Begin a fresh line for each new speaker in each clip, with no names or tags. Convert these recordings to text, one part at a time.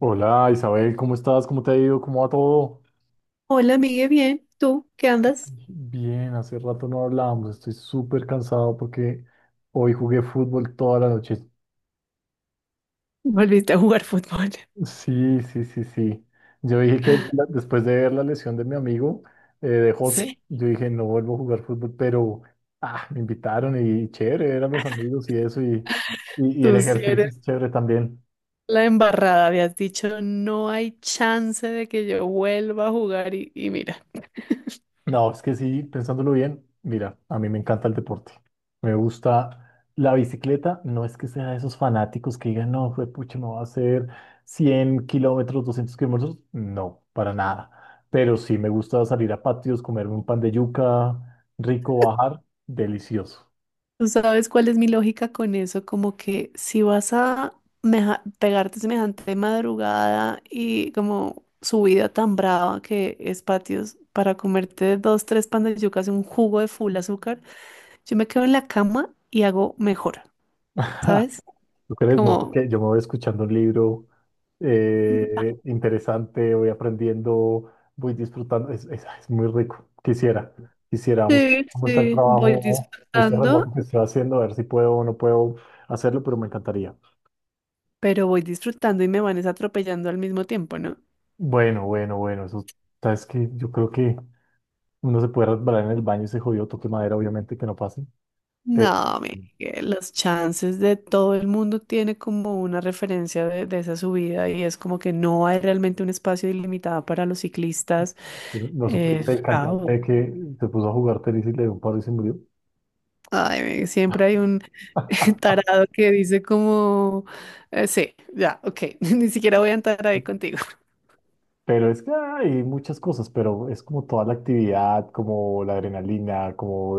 Hola, Isabel, ¿cómo estás? ¿Cómo te ha ido? ¿Cómo va todo?
Hola, amigue, bien. ¿Tú qué andas?
Bien, hace rato no hablábamos, estoy súper cansado porque hoy jugué fútbol toda la noche.
Volviste a jugar fútbol.
Sí, sí, sí, sí. Yo dije después de ver la lesión de mi amigo, de José,
Sí.
yo dije no vuelvo a jugar fútbol, pero ah, me invitaron y chévere, eran los amigos y eso, y el
Tú sí
ejercicio
eres
es chévere también.
la embarrada. Habías dicho, no hay chance de que yo vuelva a jugar y mira.
No, es que sí, pensándolo bien, mira, a mí me encanta el deporte. Me gusta la bicicleta. No es que sea de esos fanáticos que digan, no, pucha, no va a hacer 100 km, 200 km. No, para nada. Pero sí me gusta salir a patios, comerme un pan de yuca, rico, bajar, delicioso.
¿Tú sabes cuál es mi lógica con eso? Como que si vas a pegarte semejante madrugada y como subida tan brava que es patios para comerte dos, tres pan de yucas y un jugo de full azúcar, yo me quedo en la cama y hago mejor, ¿sabes?
¿Tú crees? No,
Como,
porque yo me voy escuchando un libro
mm,
interesante, voy aprendiendo, voy disfrutando. Es muy rico. Quisiera. Vamos,
sí,
cómo está el
voy
trabajo, este
disfrutando,
remoto que estoy haciendo, a ver si puedo o no puedo hacerlo, pero me encantaría.
pero voy disfrutando y me van es atropellando al mismo tiempo, ¿no?
Bueno, bueno, bueno. Eso, sabes que yo creo que uno se puede resbalar en el baño y se jodió, toque madera, obviamente que no pase. Pero
No, Miguel, los chances de todo el mundo tiene como una referencia de esa subida y es como que no hay realmente un espacio ilimitado para los ciclistas.
no
Eh, es
supiste
un
el
caos.
cantante que se puso a jugar tenis y le dio un paro y se murió.
Ay, Miguel, siempre hay un tarado que dice como, sí, ya, ok, ni siquiera voy a entrar ahí contigo.
Pero es que hay muchas cosas, pero es como toda la actividad, como la adrenalina, como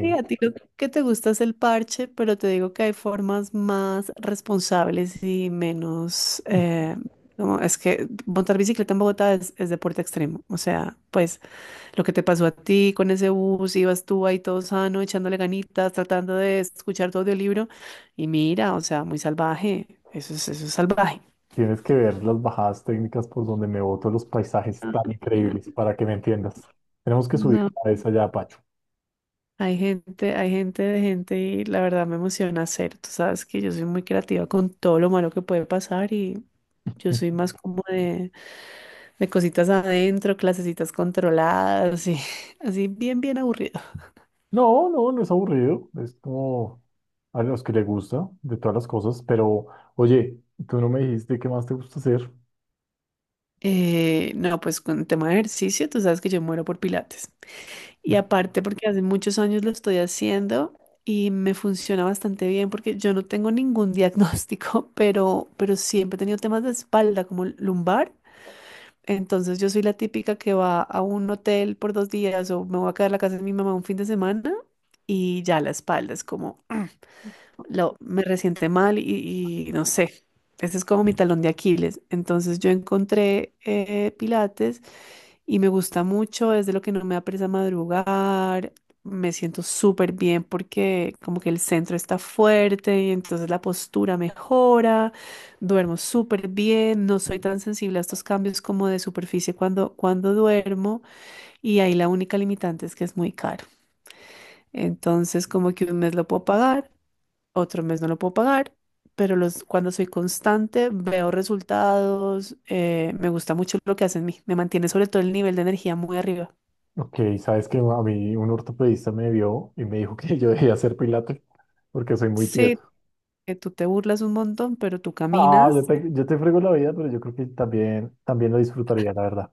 Sí, a ti lo que te gusta es el parche, pero te digo que hay formas más responsables y menos... como es que montar bicicleta en Bogotá es deporte extremo. O sea, pues lo que te pasó a ti con ese bus, ibas tú ahí todo sano, echándole ganitas, tratando de escuchar tu audiolibro. Y mira, o sea, muy salvaje. Eso es salvaje.
Tienes que ver las bajadas técnicas por donde me boto los paisajes tan increíbles para que me entiendas. Tenemos que subir
No.
a esa allá, Pacho.
Hay gente de gente y la verdad me emociona hacer. Tú sabes que yo soy muy creativa con todo lo malo que puede pasar y yo soy más como de cositas adentro, clasecitas controladas y así bien, bien aburrido.
No, no, no es aburrido. Es como a los que les gusta de todas las cosas. Pero, oye, tú no me dijiste qué más te gusta hacer.
No, pues con el tema de ejercicio, tú sabes que yo muero por pilates. Y aparte porque hace muchos años lo estoy haciendo y me funciona bastante bien porque yo no tengo ningún diagnóstico, pero siempre he tenido temas de espalda como lumbar. Entonces yo soy la típica que va a un hotel por dos días o me voy a quedar en la casa de mi mamá un fin de semana y ya la espalda es como, lo, me resiente mal y no sé, ese es como mi talón de Aquiles. Entonces yo encontré Pilates y me gusta mucho, es de lo que no me apresa madrugar, me siento súper bien porque como que el centro está fuerte y entonces la postura mejora, duermo súper bien, no soy tan sensible a estos cambios como de superficie cuando duermo y ahí la única limitante es que es muy caro. Entonces como que un mes lo puedo pagar, otro mes no lo puedo pagar. Pero los, cuando soy constante, veo resultados, me gusta mucho lo que hace en mí, me mantiene sobre todo el nivel de energía muy arriba.
Ok, sabes que a mí un ortopedista me vio y me dijo que yo debía hacer pilates porque soy muy
Sí,
tieso.
que tú te burlas un montón, pero tú
Ah,
caminas.
yo te frego la vida, pero yo creo que también, también lo disfrutaría, la verdad.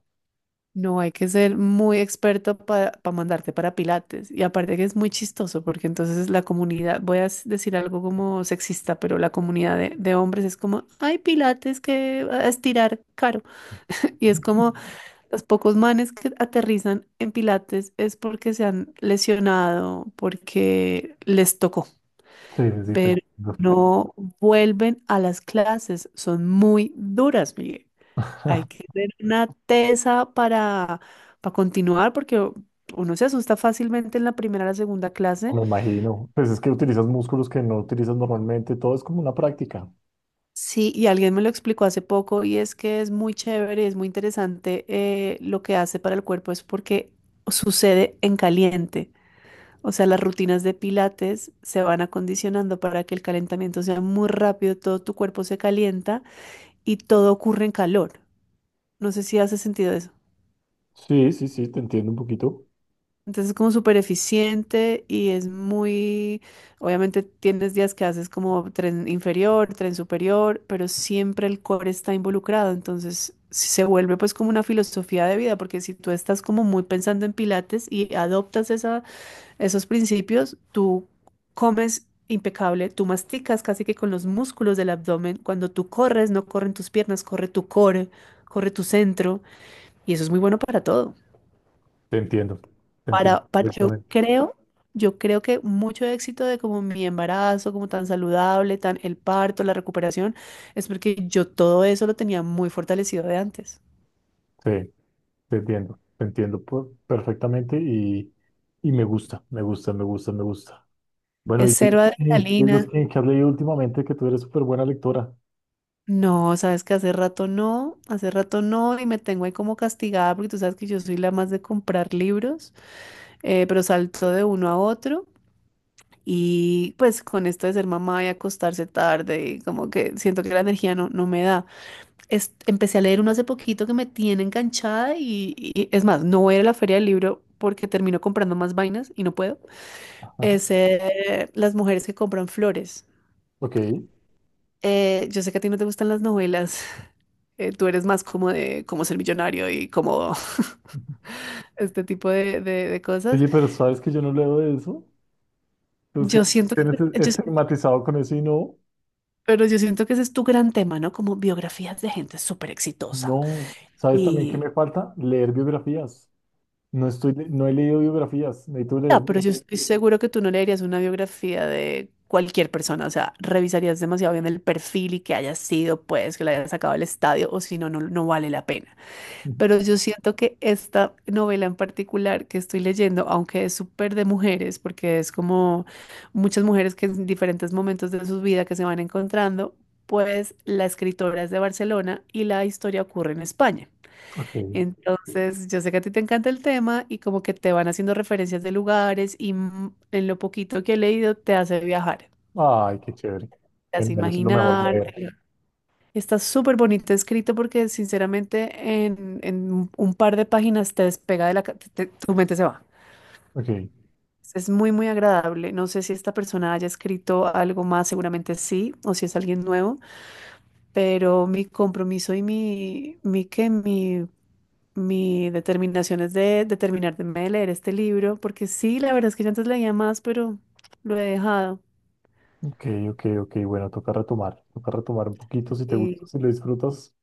No hay que ser muy experto para mandarte para Pilates. Y aparte que es muy chistoso, porque entonces la comunidad, voy a decir algo como sexista, pero la comunidad de hombres es como, ay, Pilates, que a estirar caro. Y es como los pocos manes que aterrizan en Pilates es porque se han lesionado, porque les tocó.
Sí, sí, sí, te
Pero
entiendo.
no vuelven a las clases, son muy duras, Miguel. Hay que tener una tesa para continuar porque uno se asusta fácilmente en la primera o la segunda clase.
Me imagino. Pues es que utilizas músculos que no utilizas normalmente. Todo es como una práctica.
Sí, y alguien me lo explicó hace poco y es que es muy chévere, es muy interesante lo que hace para el cuerpo, es porque sucede en caliente. O sea, las rutinas de pilates se van acondicionando para que el calentamiento sea muy rápido, todo tu cuerpo se calienta y todo ocurre en calor. No sé si hace sentido eso.
Sí, sí, sí, te entiendo un poquito.
Entonces es como súper eficiente y es muy, obviamente tienes días que haces como tren inferior, tren superior, pero siempre el core está involucrado. Entonces sí se vuelve pues como una filosofía de vida, porque si tú estás como muy pensando en pilates y adoptas esa, esos principios, tú comes impecable, tú masticas casi que con los músculos del abdomen. Cuando tú corres, no corren tus piernas, corre tu core, corre tu centro y eso es muy bueno para todo.
Te entiendo. Te entiendo
Para, para, yo
perfectamente.
creo, yo creo que mucho éxito de como mi embarazo, como tan saludable, tan el parto, la recuperación, es porque yo todo eso lo tenía muy fortalecido de antes.
Sí, te entiendo. Perfectamente y me gusta, me gusta, me gusta, me gusta. Bueno,
Es
y
cero
libros
adrenalina.
que has leído últimamente, que tú eres súper buena lectora.
No, sabes que hace rato no, y me tengo ahí como castigada porque tú sabes que yo soy la más de comprar libros, pero salto de uno a otro. Y pues con esto de ser mamá y acostarse tarde, y como que siento que la energía no me da. Empecé a leer uno hace poquito que me tiene enganchada y es más, no voy a ir a la feria del libro porque termino comprando más vainas y no puedo. Es Las mujeres que compran flores.
Ok.
Yo sé que a ti no te gustan las novelas. Tú eres más como de cómo ser millonario y como este tipo de cosas.
Oye, pero ¿sabes que yo no leo de eso? Tú
Yo
siempre
siento que,
tienes
yo-
estigmatizado con eso y no,
Pero yo siento que ese es tu gran tema, ¿no? Como biografías de gente súper exitosa.
no. ¿Sabes también qué
y
me falta? Leer biografías. No he leído biografías, necesito leer.
Ah, pero yo estoy seguro que tú no leerías una biografía de cualquier persona, o sea, revisarías demasiado bien el perfil y que haya sido, pues, que la hayas sacado del estadio, o si no, no, no vale la pena. Pero yo siento que esta novela en particular que estoy leyendo, aunque es súper de mujeres, porque es como muchas mujeres que en diferentes momentos de su vida que se van encontrando, pues la escritora es de Barcelona y la historia ocurre en España.
Ok.
Entonces, yo sé que a ti te encanta el tema y como que te van haciendo referencias de lugares y en lo poquito que he leído te hace viajar,
Ay, qué chévere.
te hace
Genial, eso es lo mejor
imaginar.
leer.
Está súper bonito escrito porque sinceramente en un par de páginas te despega de la tu mente se va.
Ok,
Es muy, muy agradable. No sé si esta persona haya escrito algo más, seguramente sí, o si es alguien nuevo, pero mi compromiso y mi, ¿qué? Mi Mi determinación es de determinarme de leer este libro, porque sí, la verdad es que yo antes leía más, pero lo he dejado.
ok, ok, ok. Bueno, toca retomar. Toca retomar un poquito si te gusta,
Y,
si lo disfrutas,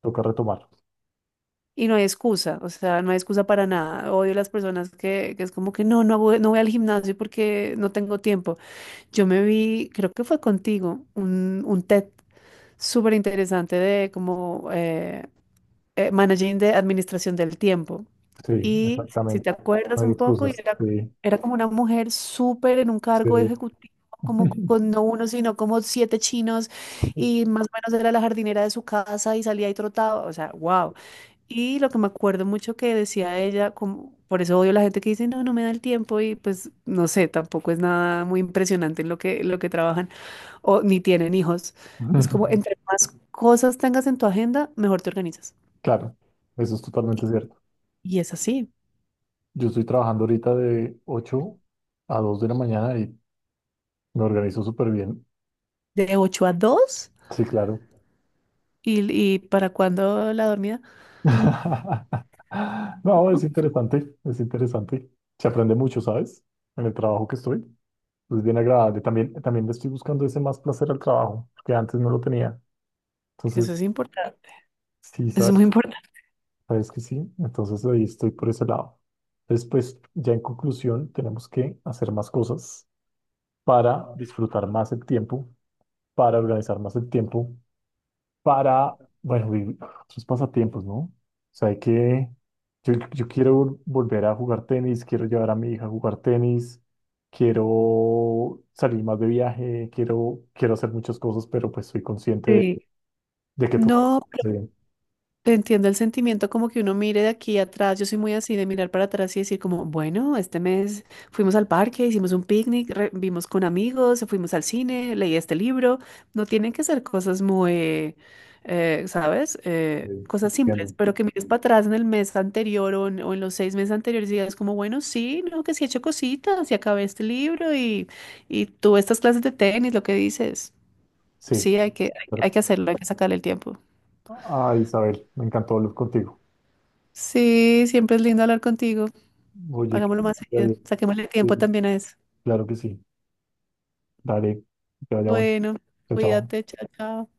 toca retomar.
y no hay excusa, o sea, no hay excusa para nada. Odio las personas que es como que no, no voy, no voy al gimnasio porque no tengo tiempo. Yo me vi, creo que fue contigo, un TED súper interesante de como Managing de Administración del Tiempo.
Sí,
Y si
exactamente.
te
No
acuerdas
hay
un poco, y
excusas.
era,
Sí,
era como una mujer súper en un cargo
sí.
ejecutivo, como con no uno, sino como siete chinos, y más o menos era la jardinera de su casa y salía y trotaba, o sea, wow. Y lo que me acuerdo mucho que decía ella, como, por eso odio la gente que dice, no, no me da el tiempo, y pues no sé, tampoco es nada muy impresionante en lo que trabajan, o ni tienen hijos. Es como, entre más cosas tengas en tu agenda, mejor te organizas.
Claro, eso es totalmente cierto.
Y es así,
Yo estoy trabajando ahorita de 8 a 2 de la mañana y me organizo súper bien.
de 8 a 2
Sí, claro.
y para cuándo la dormida.
No, es
No,
interesante, es interesante. Se aprende mucho, ¿sabes? En el trabajo que estoy. Es bien agradable. También, también le estoy buscando ese más placer al trabajo, que antes no lo tenía.
eso
Entonces,
es importante,
sí,
eso es muy importante.
sabes que sí. Entonces ahí estoy por ese lado. Después, ya en conclusión, tenemos que hacer más cosas para disfrutar más el tiempo, para organizar más el tiempo para, bueno, vivir otros pasatiempos, ¿no? O sea, hay que, yo, volver a jugar tenis, quiero llevar a mi hija a jugar tenis, quiero salir más de viaje, quiero, quiero hacer muchas cosas, pero pues soy consciente
Sí.
de que tocar.
No,
Sí,
te entiendo el sentimiento como que uno mire de aquí atrás. Yo soy muy así de mirar para atrás y decir como, bueno, este mes fuimos al parque, hicimos un picnic, vimos con amigos, fuimos al cine, leí este libro. No tienen que ser cosas muy, ¿sabes?
sí,
Cosas
entiendo.
simples, pero que mires para atrás en el mes anterior o en los 6 meses anteriores y digas como, bueno, sí, no, que sí he hecho cositas y acabé este libro y tuve estas clases de tenis, lo que dices.
Sí,
Sí,
pero-
hay que hacerlo, hay que sacarle el tiempo.
ah, Isabel, me encantó hablar contigo.
Sí, siempre es lindo hablar contigo.
Oye,
Hagámoslo más seguido.
eh,
Saquémosle tiempo
eh,
también a eso.
claro que sí. Dale, que te vaya bueno.
Bueno,
Chao, chao.
cuídate, chao, chao.